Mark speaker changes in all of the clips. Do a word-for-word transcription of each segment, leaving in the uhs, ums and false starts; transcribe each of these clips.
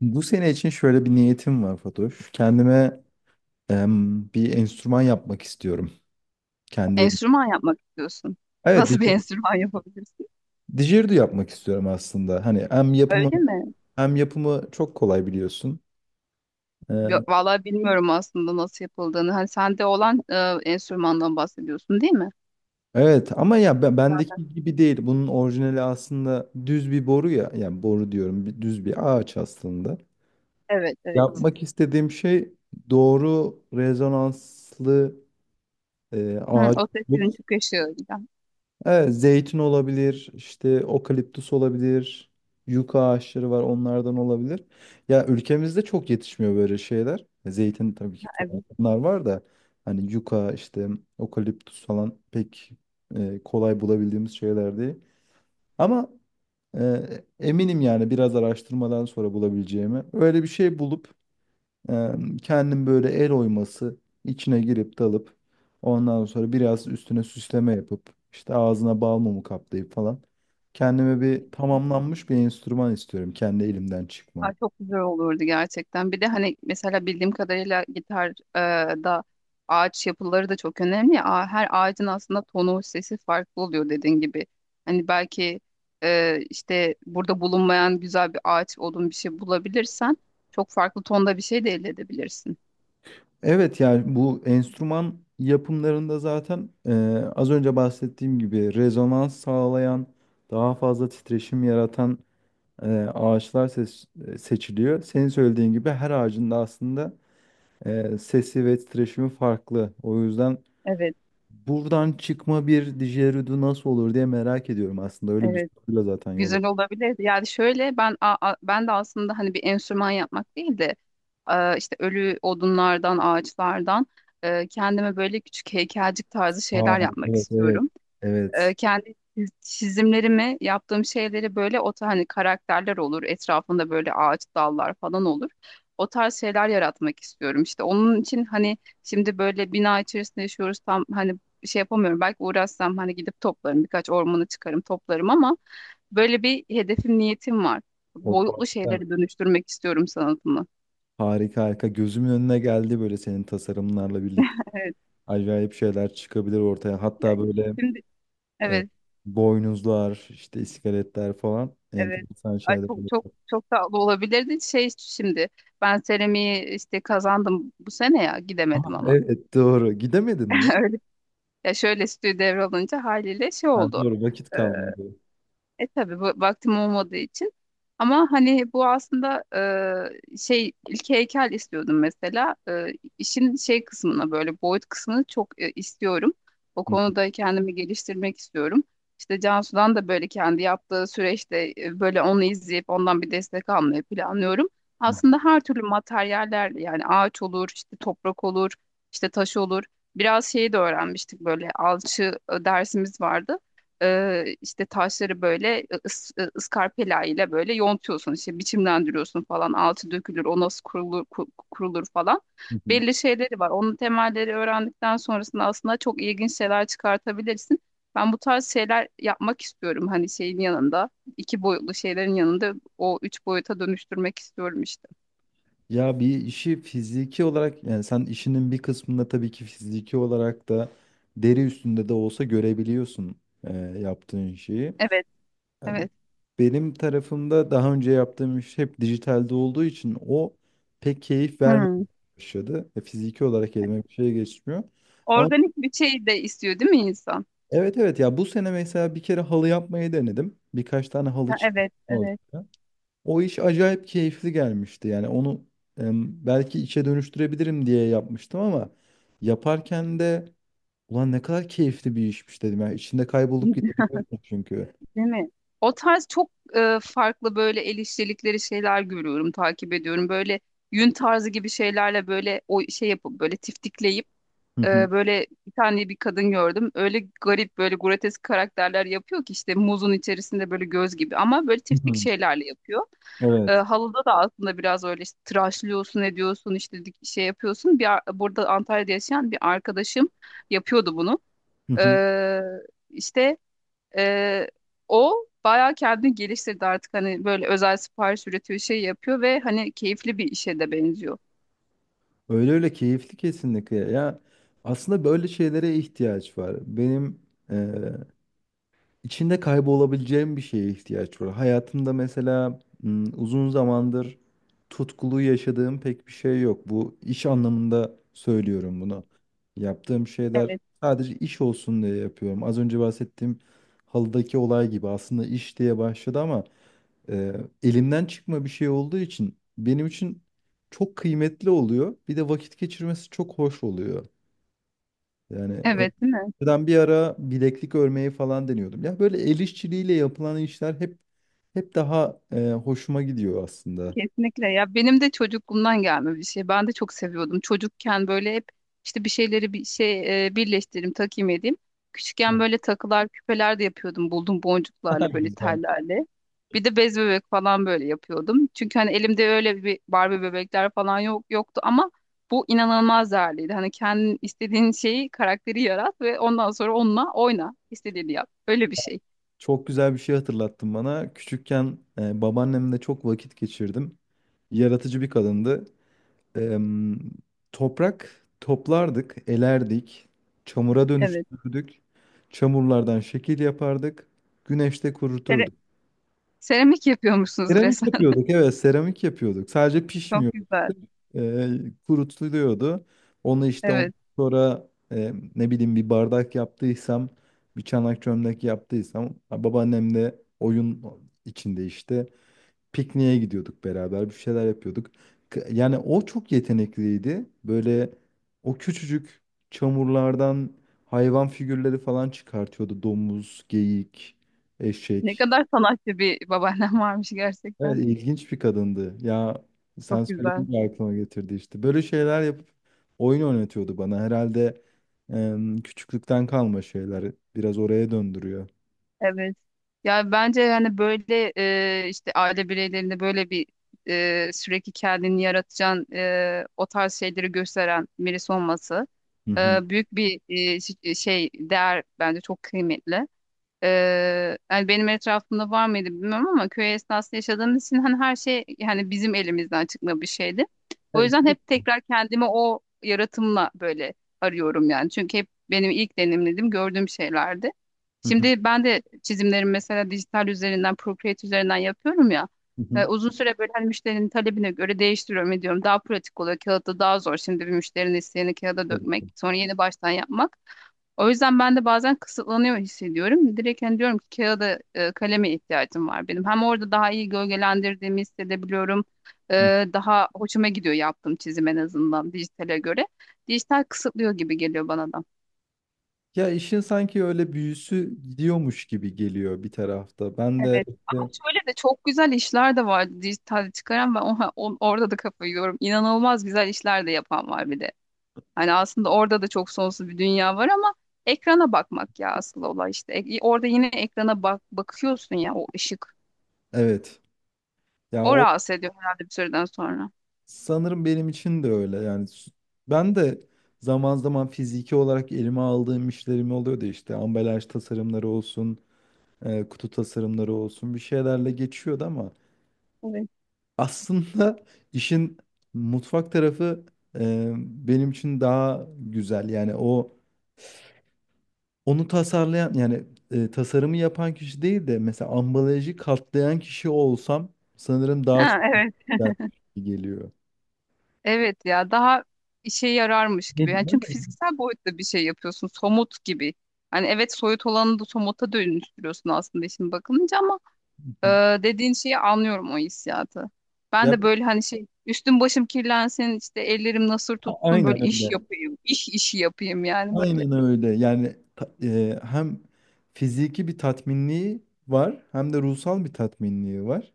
Speaker 1: Bu sene için şöyle bir niyetim var Fatoş. Kendime em, bir enstrüman yapmak istiyorum. Kendi elim.
Speaker 2: Enstrüman yapmak istiyorsun.
Speaker 1: Evet,
Speaker 2: Nasıl bir
Speaker 1: dij-
Speaker 2: enstrüman yapabilirsin?
Speaker 1: dijerdu yapmak istiyorum aslında. Hani hem yapımı
Speaker 2: Öyle mi?
Speaker 1: hem yapımı çok kolay biliyorsun.
Speaker 2: Yo-
Speaker 1: Ee,
Speaker 2: Vallahi bilmiyorum aslında nasıl yapıldığını. Hani sende olan e, enstrümandan bahsediyorsun, değil mi?
Speaker 1: evet ama ya ben-
Speaker 2: Zaten.
Speaker 1: bendeki gibi değil. Bunun orijinali aslında düz bir boru ya. Yani boru diyorum, bir- düz bir ağaç aslında.
Speaker 2: Evet, evet.
Speaker 1: Yapmak istediğim şey doğru rezonanslı e,
Speaker 2: Hı,
Speaker 1: ağaç.
Speaker 2: o ses sizin çok yaşıyor.
Speaker 1: Evet, zeytin olabilir, işte okaliptüs olabilir, yuka ağaçları var onlardan olabilir. Ya ülkemizde çok yetişmiyor böyle şeyler. Zeytin tabii ki falan
Speaker 2: Evet.
Speaker 1: bunlar var da hani yuka işte okaliptüs falan pek e, kolay bulabildiğimiz şeyler değil. Ama e, eminim yani biraz araştırmadan sonra bulabileceğimi. Öyle bir şey bulup ee, kendim böyle el oyması içine girip dalıp ondan sonra biraz üstüne süsleme yapıp işte ağzına bal mumu kaplayıp falan kendime bir tamamlanmış bir enstrüman istiyorum kendi elimden
Speaker 2: Ay,
Speaker 1: çıkma.
Speaker 2: çok güzel olurdu gerçekten. Bir de hani mesela bildiğim kadarıyla gitar e, da ağaç yapıları da çok önemli, ya. Ağa- Her ağacın aslında tonu, sesi farklı oluyor dediğin gibi. Hani belki e, işte burada bulunmayan güzel bir ağaç, odun bir şey bulabilirsen çok farklı tonda bir şey de elde edebilirsin.
Speaker 1: Evet yani bu enstrüman yapımlarında zaten e, az önce bahsettiğim gibi rezonans sağlayan daha fazla titreşim yaratan e, ağaçlar ses- e, seçiliyor. Senin söylediğin gibi her ağacın da aslında e, sesi ve titreşimi farklı. O yüzden
Speaker 2: Evet,
Speaker 1: buradan çıkma bir Didgeridoo nasıl olur diye merak ediyorum aslında. Öyle bir
Speaker 2: evet.
Speaker 1: soruyla zaten yola.
Speaker 2: Güzel olabilirdi. Yani şöyle ben a- a- ben de aslında hani bir enstrüman yapmak değil de e, işte ölü odunlardan, ağaçlardan e, kendime böyle küçük heykelcik tarzı
Speaker 1: Aa,
Speaker 2: şeyler yapmak
Speaker 1: evet evet.
Speaker 2: istiyorum.
Speaker 1: Evet.
Speaker 2: E, kendi çiz- çizimlerimi, yaptığım şeyleri böyle o ta- hani karakterler olur, etrafında böyle ağaç dallar falan olur. O tarz şeyler yaratmak istiyorum. İşte onun için hani şimdi böyle bina içerisinde yaşıyoruz, tam hani şey yapamıyorum. Belki uğraşsam hani gidip toplarım, birkaç ormanı çıkarım, toplarım ama böyle bir hedefim, niyetim var.
Speaker 1: O
Speaker 2: Boyutlu
Speaker 1: farklı.
Speaker 2: şeyleri dönüştürmek istiyorum sanatımı.
Speaker 1: Harika harika. Gözümün önüne geldi böyle senin tasarımlarla birlikte.
Speaker 2: Evet.
Speaker 1: Acayip şeyler çıkabilir ortaya.
Speaker 2: Ya,
Speaker 1: Hatta böyle
Speaker 2: şimdi
Speaker 1: e,
Speaker 2: evet,
Speaker 1: boynuzlar, işte iskeletler falan.
Speaker 2: evet.
Speaker 1: Enteresan
Speaker 2: Ay,
Speaker 1: şeyler.
Speaker 2: çok çok çok tatlı olabilirdi. Şey, şimdi ben seramiği işte kazandım bu sene ya,
Speaker 1: Aa,
Speaker 2: gidemedim ama.
Speaker 1: evet doğru. Gidemedin mi?
Speaker 2: Öyle. Ya şöyle, stüdyo devralınca haliyle şey
Speaker 1: Ha,
Speaker 2: oldu.
Speaker 1: doğru vakit
Speaker 2: Ee,
Speaker 1: kalmadı.
Speaker 2: E tabii bu, vaktim olmadığı için. Ama hani bu aslında e, şey, ilk heykel istiyordum mesela. E, işin şey kısmına, böyle boyut kısmını çok e, istiyorum. O konuda kendimi geliştirmek istiyorum. İşte Cansu'dan da böyle kendi yaptığı süreçte e, böyle onu izleyip ondan bir destek almayı planlıyorum. Aslında her türlü materyallerle, yani ağaç olur, işte toprak olur, işte taş olur. Biraz şeyi de öğrenmiştik, böyle alçı e, dersimiz vardı. e, işte taşları böyle ıs, e, ıskarpela ile böyle yontuyorsun, işte biçimlendiriyorsun falan, altı dökülür, o nasıl kurulur, ku- kurulur falan, belli şeyleri var onun, temelleri öğrendikten sonrasında aslında çok ilginç şeyler çıkartabilirsin. Ben bu tarz şeyler yapmak istiyorum, hani şeyin yanında, iki boyutlu şeylerin yanında o üç boyuta dönüştürmek istiyorum işte.
Speaker 1: Ya bir işi fiziki olarak yani sen işinin bir kısmında tabii ki fiziki olarak da deri üstünde de olsa görebiliyorsun e, yaptığın şeyi.
Speaker 2: Evet,
Speaker 1: Em,
Speaker 2: evet.
Speaker 1: Benim tarafımda daha önce yaptığım iş hep dijitalde olduğu için o pek keyif vermeye
Speaker 2: Hmm.
Speaker 1: başladı. E, fiziki olarak elime bir şey geçmiyor. Ama
Speaker 2: Organik bir şey de istiyor değil mi insan.
Speaker 1: evet evet ya bu sene mesela bir kere halı yapmayı denedim. Birkaç tane halı
Speaker 2: Ha,
Speaker 1: çıktı
Speaker 2: evet, evet.
Speaker 1: ortaya. O iş acayip keyifli gelmişti. Yani onu em, belki işe dönüştürebilirim diye yapmıştım ama yaparken de ulan ne kadar keyifli bir işmiş dedim. Yani içinde kaybolup gidebiliyorsun çünkü.
Speaker 2: Değil mi? O tarz çok e, farklı böyle el işçilikleri şeyler görüyorum, takip ediyorum. Böyle yün tarzı gibi şeylerle böyle o şey yapıp böyle tiftikleyip
Speaker 1: Hı
Speaker 2: e,
Speaker 1: hı.
Speaker 2: böyle bir tane bir kadın gördüm. Öyle garip böyle grotesk karakterler yapıyor ki, işte muzun içerisinde böyle göz gibi ama böyle
Speaker 1: Hı
Speaker 2: tiftik
Speaker 1: hı.
Speaker 2: şeylerle yapıyor. E,
Speaker 1: Evet.
Speaker 2: halıda da aslında biraz öyle işte tıraşlıyorsun, ediyorsun, işte dik- şey yapıyorsun. Bir, ar- burada Antalya'da yaşayan bir arkadaşım yapıyordu bunu.
Speaker 1: Hı hı.
Speaker 2: E, işte ee, o bayağı kendini geliştirdi artık, hani böyle özel sipariş üretiyor, şey yapıyor ve hani keyifli bir işe de benziyor.
Speaker 1: Öyle öyle keyifli kesinlikle. Ya aslında böyle şeylere ihtiyaç var. Benim içinde kaybolabileceğim bir şeye ihtiyaç var. Hayatımda mesela m, uzun zamandır tutkulu yaşadığım pek bir şey yok. Bu iş anlamında söylüyorum bunu. Yaptığım şeyler
Speaker 2: Evet.
Speaker 1: sadece iş olsun diye yapıyorum. Az önce bahsettiğim halıdaki olay gibi aslında iş diye başladı ama e, elimden çıkma bir şey olduğu için benim için çok kıymetli oluyor. Bir de vakit geçirmesi çok hoş oluyor. Yani
Speaker 2: Evet, değil mi?
Speaker 1: ben bir ara bileklik örmeyi falan deniyordum. Ya böyle el işçiliğiyle yapılan işler hep hep daha e, hoşuma gidiyor aslında.
Speaker 2: Kesinlikle ya, benim de çocukluğumdan gelme bir şey. Ben de çok seviyordum. Çocukken böyle hep işte bir şeyleri bir şey e, birleştireyim, takayım, edeyim.
Speaker 1: Hı.
Speaker 2: Küçükken
Speaker 1: Ne
Speaker 2: böyle takılar, küpeler de yapıyordum. Buldum
Speaker 1: kadar
Speaker 2: boncuklarla böyle
Speaker 1: güzel.
Speaker 2: tellerle. Bir de bez bebek falan böyle yapıyordum. Çünkü hani elimde öyle bir Barbie bebekler falan yok yoktu ama bu inanılmaz değerliydi. Hani kendin istediğin şeyi, karakteri yarat ve ondan sonra onunla oyna, istediğini yap. Öyle bir şey.
Speaker 1: Çok güzel bir şey hatırlattın bana. Küçükken e, babaannemle çok vakit geçirdim. Yaratıcı bir kadındı. Em, toprak toplardık, elerdik, çamura
Speaker 2: Evet.
Speaker 1: dönüştürdük. Çamurlardan şekil yapardık, güneşte
Speaker 2: Sere-
Speaker 1: kuruturduk.
Speaker 2: Seramik yapıyormuşsunuz
Speaker 1: Seramik
Speaker 2: resmen.
Speaker 1: yapıyorduk, evet seramik yapıyorduk. Sadece
Speaker 2: Çok
Speaker 1: pişmiyorduk.
Speaker 2: güzel.
Speaker 1: Ee, kurutuluyordu. Onu işte ondan
Speaker 2: Evet.
Speaker 1: sonra e, ne bileyim bir bardak yaptıysam bir çanak çömlek yaptıysam ha, oyun içinde işte pikniğe gidiyorduk, beraber bir şeyler yapıyorduk. K- Yani o çok yetenekliydi. Böyle o küçücük çamurlardan hayvan figürleri falan çıkartıyordu. Domuz, geyik,
Speaker 2: Ne
Speaker 1: eşek.
Speaker 2: kadar sanatçı bir babaannem varmış
Speaker 1: Evet,
Speaker 2: gerçekten.
Speaker 1: ilginç bir kadındı. Ya sen
Speaker 2: Çok güzel.
Speaker 1: söyleyince aklıma getirdi işte. Böyle şeyler yapıp oyun oynatıyordu bana. Herhalde em, küçüklükten kalma şeyler biraz oraya döndürüyor.
Speaker 2: Evet. Ya bence yani böyle e, işte aile bireylerinde böyle bir e, sürekli kendini yaratacağın e, o tarz şeyleri gösteren birisi olması
Speaker 1: Hı
Speaker 2: e,
Speaker 1: hı.
Speaker 2: büyük bir e, ş- şey değer, bence çok kıymetli. Ee, yani benim etrafımda var mıydı bilmiyorum ama köy esnasında yaşadığımız için hani her şey yani bizim elimizden çıkma bir şeydi. O
Speaker 1: Evet,
Speaker 2: yüzden
Speaker 1: tabii.
Speaker 2: hep tekrar kendimi o yaratımla böyle arıyorum yani. Çünkü hep benim ilk deneyimlediğim, gördüğüm şeylerdi.
Speaker 1: Hı hı,
Speaker 2: Şimdi ben de çizimlerimi mesela dijital üzerinden, Procreate üzerinden yapıyorum ya.
Speaker 1: hı
Speaker 2: Ee,
Speaker 1: hı.
Speaker 2: uzun süre böyle hani müşterinin talebine göre değiştiriyorum, ediyorum. Daha pratik oluyor. Kağıtta daha zor şimdi bir müşterinin isteğini kağıda
Speaker 1: Tabii
Speaker 2: dökmek,
Speaker 1: ki.
Speaker 2: sonra yeni baştan yapmak. O yüzden ben de bazen kısıtlanıyor hissediyorum. Direkt hani diyorum ki kağıda, e, kaleme ihtiyacım var benim. Hem orada daha iyi gölgelendirdiğimi hissedebiliyorum. E,
Speaker 1: Hı.
Speaker 2: daha hoşuma gidiyor yaptığım çizim, en azından dijitale göre. Dijital kısıtlıyor gibi geliyor bana da.
Speaker 1: Ya işin sanki öyle büyüsü gidiyormuş gibi geliyor bir tarafta. Ben de
Speaker 2: Evet. Ama
Speaker 1: işte
Speaker 2: şöyle de çok güzel işler de vardı dijitalde çıkaran. Ben o- o- orada da kafayı yiyorum. İnanılmaz güzel işler de yapan var bir de. Hani aslında orada da çok sonsuz bir dünya var ama ekrana bakmak ya asıl olay işte. E, orada yine ekrana bak bakıyorsun ya, o ışık.
Speaker 1: evet. Ya
Speaker 2: O
Speaker 1: o
Speaker 2: rahatsız ediyor herhalde bir süreden sonra.
Speaker 1: sanırım benim için de öyle. Yani s- ben de zaman zaman fiziki olarak elime aldığım işlerim oluyordu, işte ambalaj tasarımları olsun, e, kutu tasarımları olsun, bir şeylerle geçiyordu ama
Speaker 2: Evet.
Speaker 1: aslında işin mutfak tarafı e, benim için daha güzel. Yani o onu tasarlayan yani e, tasarımı yapan kişi değil de mesela ambalajı katlayan kişi olsam sanırım daha çok
Speaker 2: Ha, evet.
Speaker 1: güzel geliyor.
Speaker 2: Evet ya, daha işe yararmış
Speaker 1: Ne
Speaker 2: gibi. Yani
Speaker 1: diyeyim, öyle
Speaker 2: çünkü
Speaker 1: mi?
Speaker 2: fiziksel boyutta bir şey yapıyorsun. Somut gibi. Hani evet, soyut olanı da somuta dönüştürüyorsun aslında işin bakılınca ama e, dediğin şeyi anlıyorum, o hissiyatı. Ben
Speaker 1: Ya
Speaker 2: de
Speaker 1: bu-
Speaker 2: böyle hani şey, üstüm başım kirlensin, işte ellerim nasır
Speaker 1: a-
Speaker 2: tutsun, böyle
Speaker 1: aynen
Speaker 2: iş
Speaker 1: öyle.
Speaker 2: yapayım, iş işi yapayım yani, böyle.
Speaker 1: Aynen öyle. Yani ta- e, hem fiziki bir tatminliği var hem de ruhsal bir tatminliği var.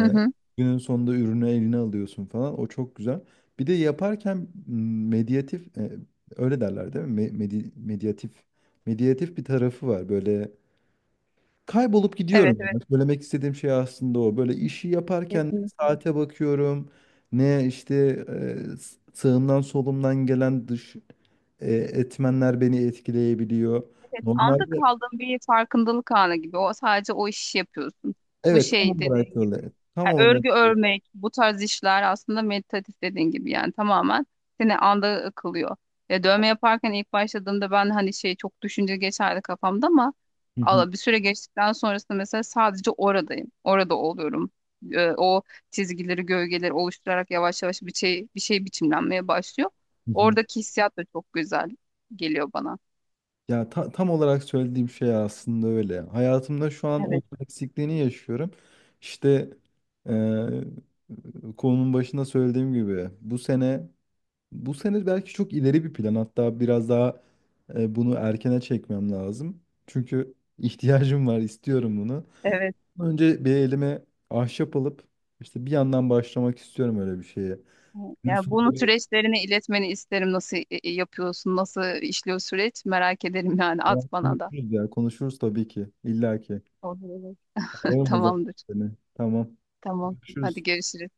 Speaker 2: Hı hı.
Speaker 1: günün sonunda ürünü eline alıyorsun falan. O çok güzel. Bir de yaparken m, medyatif, e, öyle derler değil mi? Me- medi- medyatif medyatif bir tarafı var. Böyle kaybolup
Speaker 2: Evet,
Speaker 1: gidiyorum.
Speaker 2: evet.
Speaker 1: Yani. Söylemek istediğim şey aslında o. Böyle işi yaparken ne
Speaker 2: Kesinlikle.
Speaker 1: saate bakıyorum. Ne işte e, s- sağımdan solumdan gelen dış e, etmenler beni etkileyebiliyor.
Speaker 2: Evet, anda
Speaker 1: Normalde
Speaker 2: kaldığın bir farkındalık anı gibi. O, sadece o işi yapıyorsun. Bu
Speaker 1: evet,
Speaker 2: şey
Speaker 1: tam olarak
Speaker 2: dediğin gibi,
Speaker 1: öyle. Tam
Speaker 2: yani
Speaker 1: olarak
Speaker 2: örgü
Speaker 1: öyle.
Speaker 2: örmek, bu tarz işler aslında meditatif, dediğin gibi yani tamamen seni anda kılıyor. Ya, dövme yaparken ilk başladığımda ben hani şey, çok düşünce geçerdi kafamda ama Allah, bir süre geçtikten sonrasında mesela sadece oradayım. Orada oluyorum. Ee, o çizgileri, gölgeleri oluşturarak yavaş yavaş bir şey bir şey biçimlenmeye başlıyor. Oradaki hissiyat da çok güzel geliyor bana.
Speaker 1: Ya ta- tam olarak söylediğim şey aslında öyle. Hayatımda şu an onun
Speaker 2: Evet.
Speaker 1: eksikliğini yaşıyorum. İşte eee konunun başında söylediğim gibi bu sene, bu sene belki çok ileri bir plan. Hatta biraz daha e, bunu erkene çekmem lazım. Çünkü ihtiyacım var, istiyorum bunu.
Speaker 2: Evet.
Speaker 1: Önce bir elime ahşap alıp işte bir yandan başlamak istiyorum öyle bir şeye.
Speaker 2: Ya,
Speaker 1: Biliyorsun
Speaker 2: bunu
Speaker 1: da bir
Speaker 2: süreçlerini iletmeni isterim. Nasıl e, e, yapıyorsun? Nasıl işliyor süreç? Merak ederim yani. At bana da.
Speaker 1: konuşuruz ya. Konuşuruz tabii ki. İlla ki.
Speaker 2: Olur, olur.
Speaker 1: Ararım o zaman
Speaker 2: Tamamdır.
Speaker 1: seni. Tamam.
Speaker 2: Tamam. Hadi
Speaker 1: Görüşürüz.
Speaker 2: görüşürüz.